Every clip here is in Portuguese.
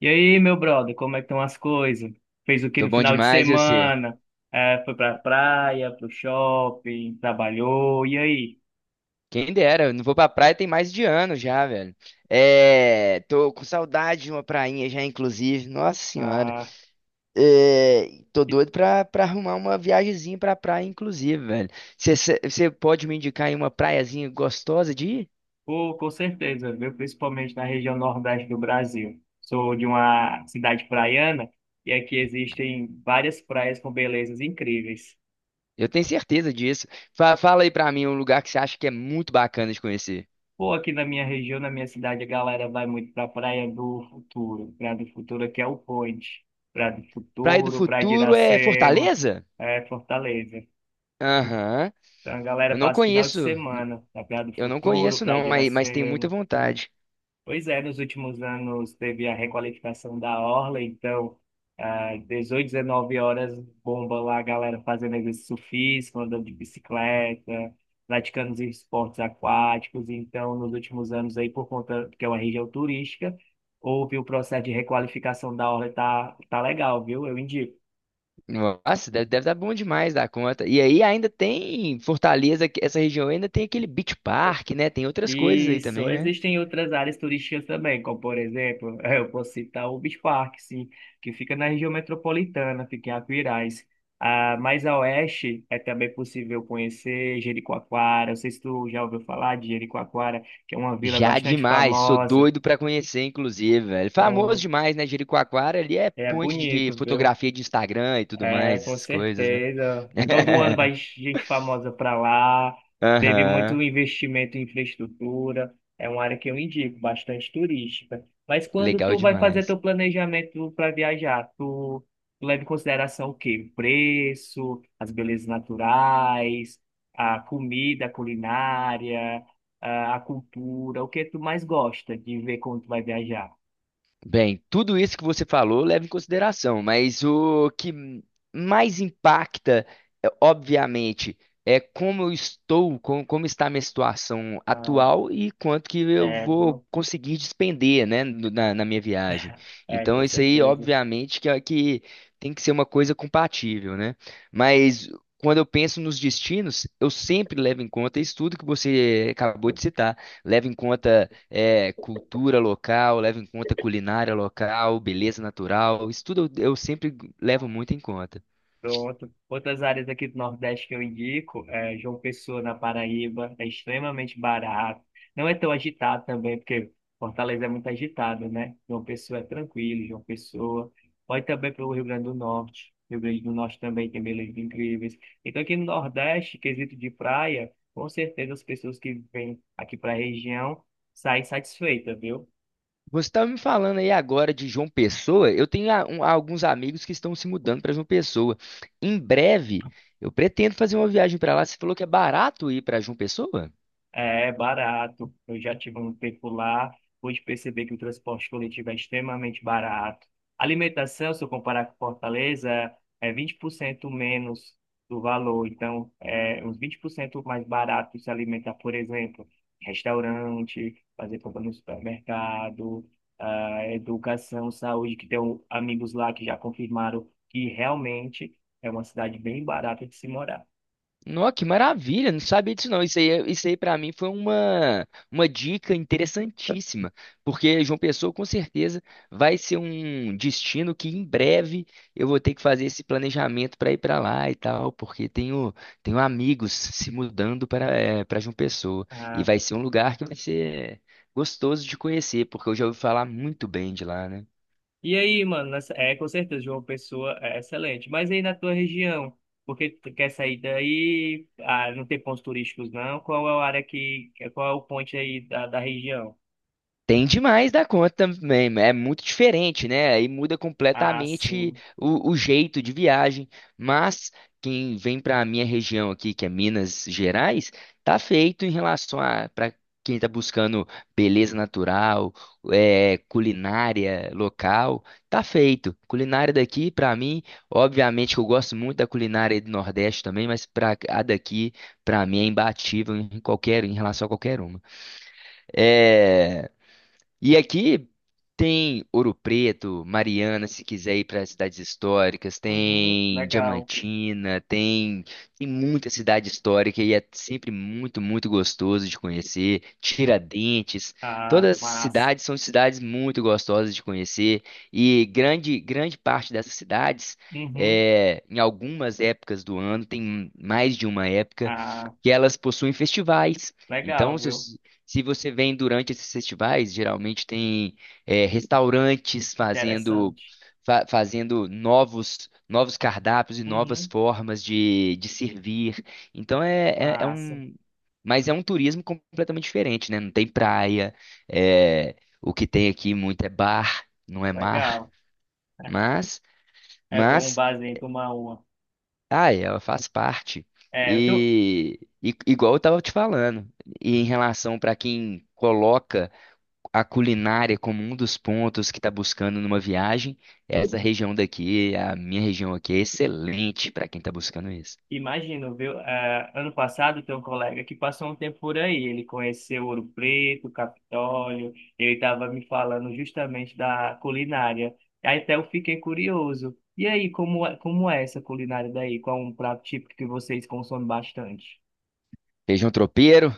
E aí, meu brother, como é que estão as coisas? Fez o que Tô no bom final de demais, e você? semana? É, foi pra praia, pro shopping, trabalhou, e aí? Quem dera, eu não vou pra praia tem mais de ano já, velho. É, tô com saudade de uma prainha já, inclusive. Nossa senhora. Ah, É, tô doido pra arrumar uma viagemzinha pra praia, inclusive, velho. Você pode me indicar aí uma praiazinha gostosa de ir? ficou com certeza, viu? Principalmente na região nordeste do Brasil. Sou de uma cidade praiana e aqui existem várias praias com belezas incríveis. Eu tenho certeza disso. Fa- Fala aí pra mim um lugar que você acha que é muito bacana de conhecer. Pô, aqui na minha região, na minha cidade, a galera vai muito pra Praia do Futuro. Praia do Futuro aqui é o Point. Praia do Praia do Futuro, Praia de Futuro é Iracema, Fortaleza? é Fortaleza. Aham. Então, a galera Eu não passa o final de conheço, semana na Praia do eu não Futuro, conheço Praia de não, mas tenho muita Iracema. vontade. Pois é, nos últimos anos teve a requalificação da Orla, então, às 18, 19 horas, bomba lá a galera fazendo exercício físico, andando de bicicleta, praticando os esportes aquáticos. Então, nos últimos anos aí, por conta que é uma região turística, houve o processo de requalificação da Orla, e tá legal, viu? Eu indico. Nossa, deve, deve dar bom demais da conta. E aí ainda tem Fortaleza, essa região ainda tem aquele Beach Park, né? Tem outras coisas aí Isso, também, né? existem outras áreas turísticas também, como por exemplo, eu posso citar o Beach Park, sim, que fica na região metropolitana, fica em Aquiraz. Ah, mais a oeste é também possível conhecer Jericoacoara. Não sei se tu já ouviu falar de Jericoacoara, que é uma vila Já bastante demais, sou famosa. doido pra conhecer, inclusive, velho. Famoso Pronto, demais, né? Jericoacoara ali é é ponte de bonito, viu? fotografia de Instagram e tudo É, mais, com essas coisas, né? certeza. Todo ano vai gente famosa para lá. Teve muito Aham, investimento em infraestrutura. É uma área que eu indico, bastante turística. Mas quando legal tu vai fazer demais. teu planejamento para viajar, tu leva em consideração o quê? O preço, as belezas naturais, a comida, a culinária, a cultura. O que tu mais gosta de ver quando tu vai viajar? Bem, tudo isso que você falou leva em consideração, mas o que mais impacta, obviamente, é como eu estou, como está a minha situação Ah, atual e quanto que eu é, vou viu? conseguir despender, né, na minha viagem. É, Então, com isso aí, certeza. obviamente, que tem que ser uma coisa compatível, né? Mas quando eu penso nos destinos, eu sempre levo em conta isso tudo que você acabou de citar. Levo em conta cultura local, leva em conta culinária local, beleza natural, isso tudo eu sempre levo muito em conta. Pronto. Outras áreas aqui do Nordeste que eu indico, é João Pessoa, na Paraíba, é extremamente barato. Não é tão agitado também, porque Fortaleza é muito agitado, né? João Pessoa é tranquilo, João Pessoa. Pode também para o Rio Grande do Norte. Rio Grande do Norte também tem belezas incríveis. Então, aqui no Nordeste, quesito de praia, com certeza as pessoas que vêm aqui para a região saem satisfeitas, viu? Você estava me falando aí agora de João Pessoa, eu tenho alguns amigos que estão se mudando para João Pessoa. Em breve, eu pretendo fazer uma viagem para lá. Você falou que é barato ir para João Pessoa? É barato. Eu já tive um tempo lá, pude perceber que o transporte coletivo é extremamente barato. Alimentação, se eu comparar com Fortaleza, é 20% menos do valor. Então, é uns 20% mais barato se alimentar, por exemplo, em restaurante, fazer compra no supermercado, ah, educação, saúde, que tenho amigos lá que já confirmaram que realmente é uma cidade bem barata de se morar. Nossa, que maravilha, não sabia disso não. Isso aí, isso aí para mim foi uma dica interessantíssima, porque João Pessoa com certeza vai ser um destino que em breve eu vou ter que fazer esse planejamento para ir para lá e tal, porque tenho, tenho amigos se mudando para para João Pessoa e Ah, vai ser um lugar que vai ser gostoso de conhecer, porque eu já ouvi falar muito bem de lá, né? e aí, mano, é com certeza, João Pessoa é excelente. Mas aí na tua região, porque tu quer sair daí, ah, não tem pontos turísticos não? Qual é a área que, qual é o ponte aí da região? Tem demais da conta também, é muito diferente, né? Aí muda Ah, completamente sim. O jeito de viagem. Mas quem vem para a minha região aqui, que é Minas Gerais, tá feito em relação a para quem está buscando beleza natural, culinária local, tá feito. Culinária daqui, para mim, obviamente que eu gosto muito da culinária do Nordeste também, mas para a daqui, para mim é imbatível em qualquer, em relação a qualquer uma. É, e aqui tem Ouro Preto, Mariana, se quiser ir para as cidades históricas, Uhum, tem legal. Diamantina, tem, tem muita cidade histórica e é sempre muito gostoso de conhecer. Tiradentes, Ah, todas as massa. cidades são cidades muito gostosas de conhecer e grande parte dessas cidades, Uhum, em algumas épocas do ano, tem mais de uma época, ah, que elas possuem festivais. Então, legal, viu? Se você vem durante esses festivais, geralmente tem restaurantes fazendo, Interessante. Fazendo novos cardápios e novas Uhum, formas de servir. Então é, é massa. um. Mas é um turismo completamente diferente, né? Não tem praia, é, o que tem aqui muito é bar, não é mar. Legal. Mas, É bom um mas, barzinho tomar uma. ai, ela faz parte. É, eu tenho, E igual eu estava te falando, e em relação para quem coloca a culinária como um dos pontos que está buscando numa viagem, essa região daqui, a minha região aqui, é excelente para quem está buscando isso. imagino, viu? Ah, ano passado tem um colega que passou um tempo por aí. Ele conheceu Ouro Preto, Capitólio. Ele estava me falando justamente da culinária. Aí até eu fiquei curioso. E aí, como é essa culinária daí? Qual é um prato típico que vocês consomem bastante? Feijão tropeiro,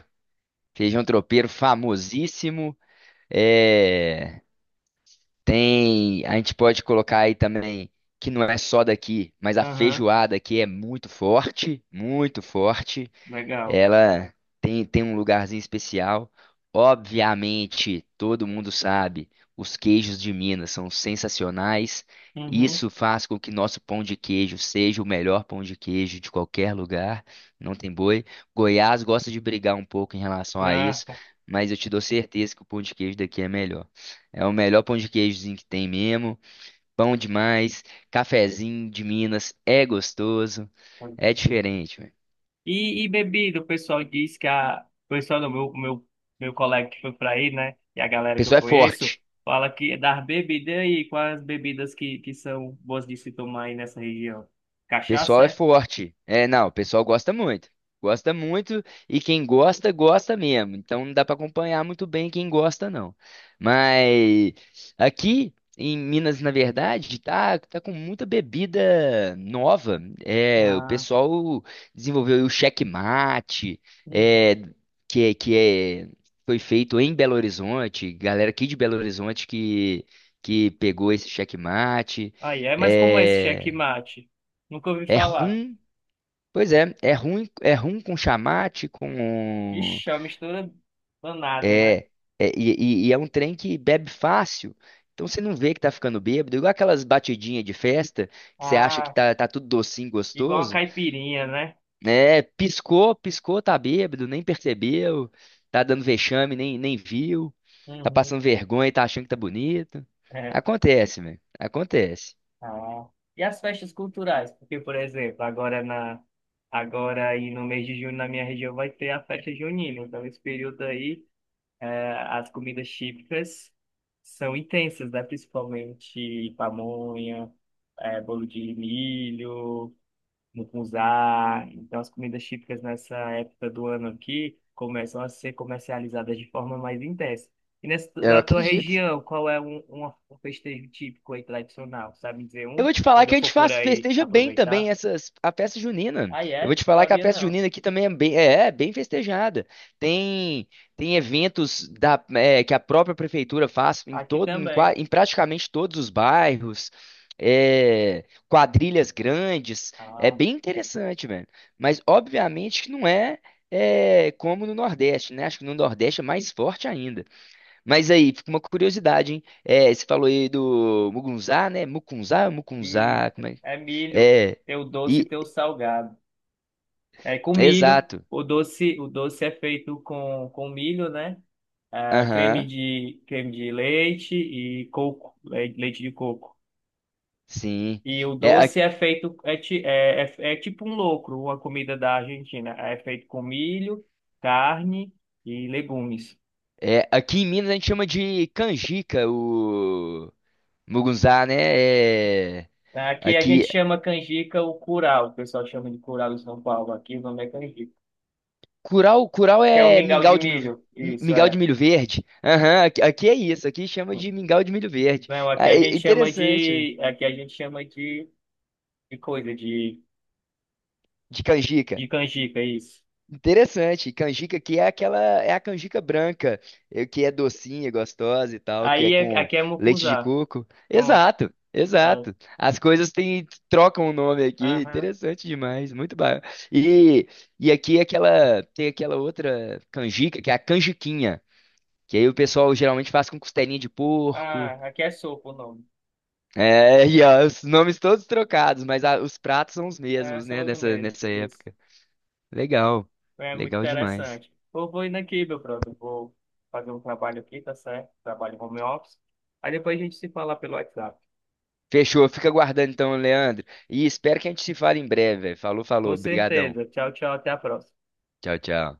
feijão tropeiro famosíssimo. É, tem, a gente pode colocar aí também que não é só daqui, mas a Aham, feijoada aqui é muito forte, muito forte. legal. Ela tem um lugarzinho especial. Obviamente, todo mundo sabe, os queijos de Minas são sensacionais. Uhum. Isso faz com que nosso pão de queijo seja o melhor pão de queijo de qualquer lugar. Não tem boi. Goiás gosta de brigar um pouco em relação a Ah, isso, mas eu te dou certeza que o pão de queijo daqui é melhor. É o melhor pão de queijozinho que tem mesmo. Pão demais. Cafezinho de Minas é gostoso. É diferente, velho. e bebida, o pessoal diz que a. O pessoal do meu colega que foi pra aí, né? E a O galera que eu pessoal é conheço, forte. fala que é das bebidas aí, quais as bebidas que são boas de se tomar aí nessa região? Pessoal Cachaça, é é? forte. É, não, o pessoal gosta muito. Gosta muito e quem gosta, gosta mesmo. Então não dá para acompanhar muito bem quem gosta, não. Mas aqui em Minas, na verdade, tá com muita bebida nova. É, o Ah, pessoal desenvolveu aí o checkmate, uhum. é, que, é- que é, foi feito em Belo Horizonte. Galera aqui de Belo Horizonte que pegou esse checkmate. Aí é, mas como é esse É, checkmate? Nunca ouvi é falar. rum. Pois é, é ruim com chamate, com Ixi, é uma mistura danada, né? é, é- e, é um trem que bebe fácil. Então você não vê que tá ficando bêbado, igual aquelas batidinhas de festa que você acha que Ah, tá tudo docinho, igual uma gostoso, caipirinha, né? né? Piscou, piscou, tá bêbado, nem percebeu, tá dando vexame, nem viu, tá Uhum. passando vergonha e tá achando que tá bonito. É. Acontece, velho, acontece. Ah, e as festas culturais? Porque, por exemplo, agora aí no mês de junho na minha região vai ter a festa junina. Então, esse período aí, as comidas típicas são intensas, né? Principalmente pamonha, bolo de milho mucunzá. Então, as comidas típicas nessa época do ano aqui começam a ser comercializadas de forma mais intensa. E nessa, Eu na tua acredito. região, qual é um festejo típico aí tradicional? Sabe me dizer Eu um? vou te falar Quando que eu a for gente por faz, aí festeja bem também aproveitar? essas, a festa junina. Ah, Eu vou é? te falar que a Sabia festa não. junina aqui também é é bem festejada. Tem, tem eventos que a própria prefeitura faz em Aqui também. em praticamente todos os bairros. É, quadrilhas grandes. É Ah, bem interessante, velho. Mas obviamente que não é, é como no Nordeste, né? Acho que no Nordeste é mais forte ainda. Mas aí, fica uma curiosidade, hein? É, você falou aí do Mugunzá, né? Mukunzá, isso. como é? É milho. É, Tem o doce e e, tem o salgado. É com milho. exato. O doce é feito com milho, né? Ah, Aham, creme de leite e coco, leite de coco. sim. E o É, a- doce é feito tipo um locro, uma comida da Argentina. É feito com milho, carne e legumes. Aqui em Minas a gente chama de canjica o Mugunzá, né? Aqui a gente Aqui, chama canjica o curau, o pessoal chama de curau em São Paulo. Aqui o nome é canjica. Curau Que é o é mingau de milho, isso mingau é. de milho verde. Aham, aqui é isso, aqui chama de mingau de milho verde. Não, É interessante, aqui a gente chama de coisa, de, de canjica. de canjica, isso. Interessante, canjica que é aquela, é a canjica branca, que é docinha, gostosa e tal, que é Aí é- com aqui é leite de mucuzá, coco. pronto. Exato, É. exato. As coisas têm, trocam o nome aqui, Aham. interessante demais, muito bom. E, e aqui é aquela, tem aquela outra canjica, que é a canjiquinha, que aí o pessoal geralmente faz com costelinha de porco. Ah, aqui é sopa o nome. É, e ó, os nomes todos trocados, mas os pratos são os É, mesmos, né, são os mesmos. nessa Isso. época. Legal, É muito legal demais. interessante. Eu vou indo aqui, meu brother. Vou fazer um trabalho aqui, tá certo? Trabalho home office. Aí depois a gente se fala pelo WhatsApp. Fechou, fica aguardando então, Leandro. E espero que a gente se fale em breve, velho. Falou, Com falou. Brigadão. certeza. Tchau, tchau. Até a próxima. Tchau, tchau.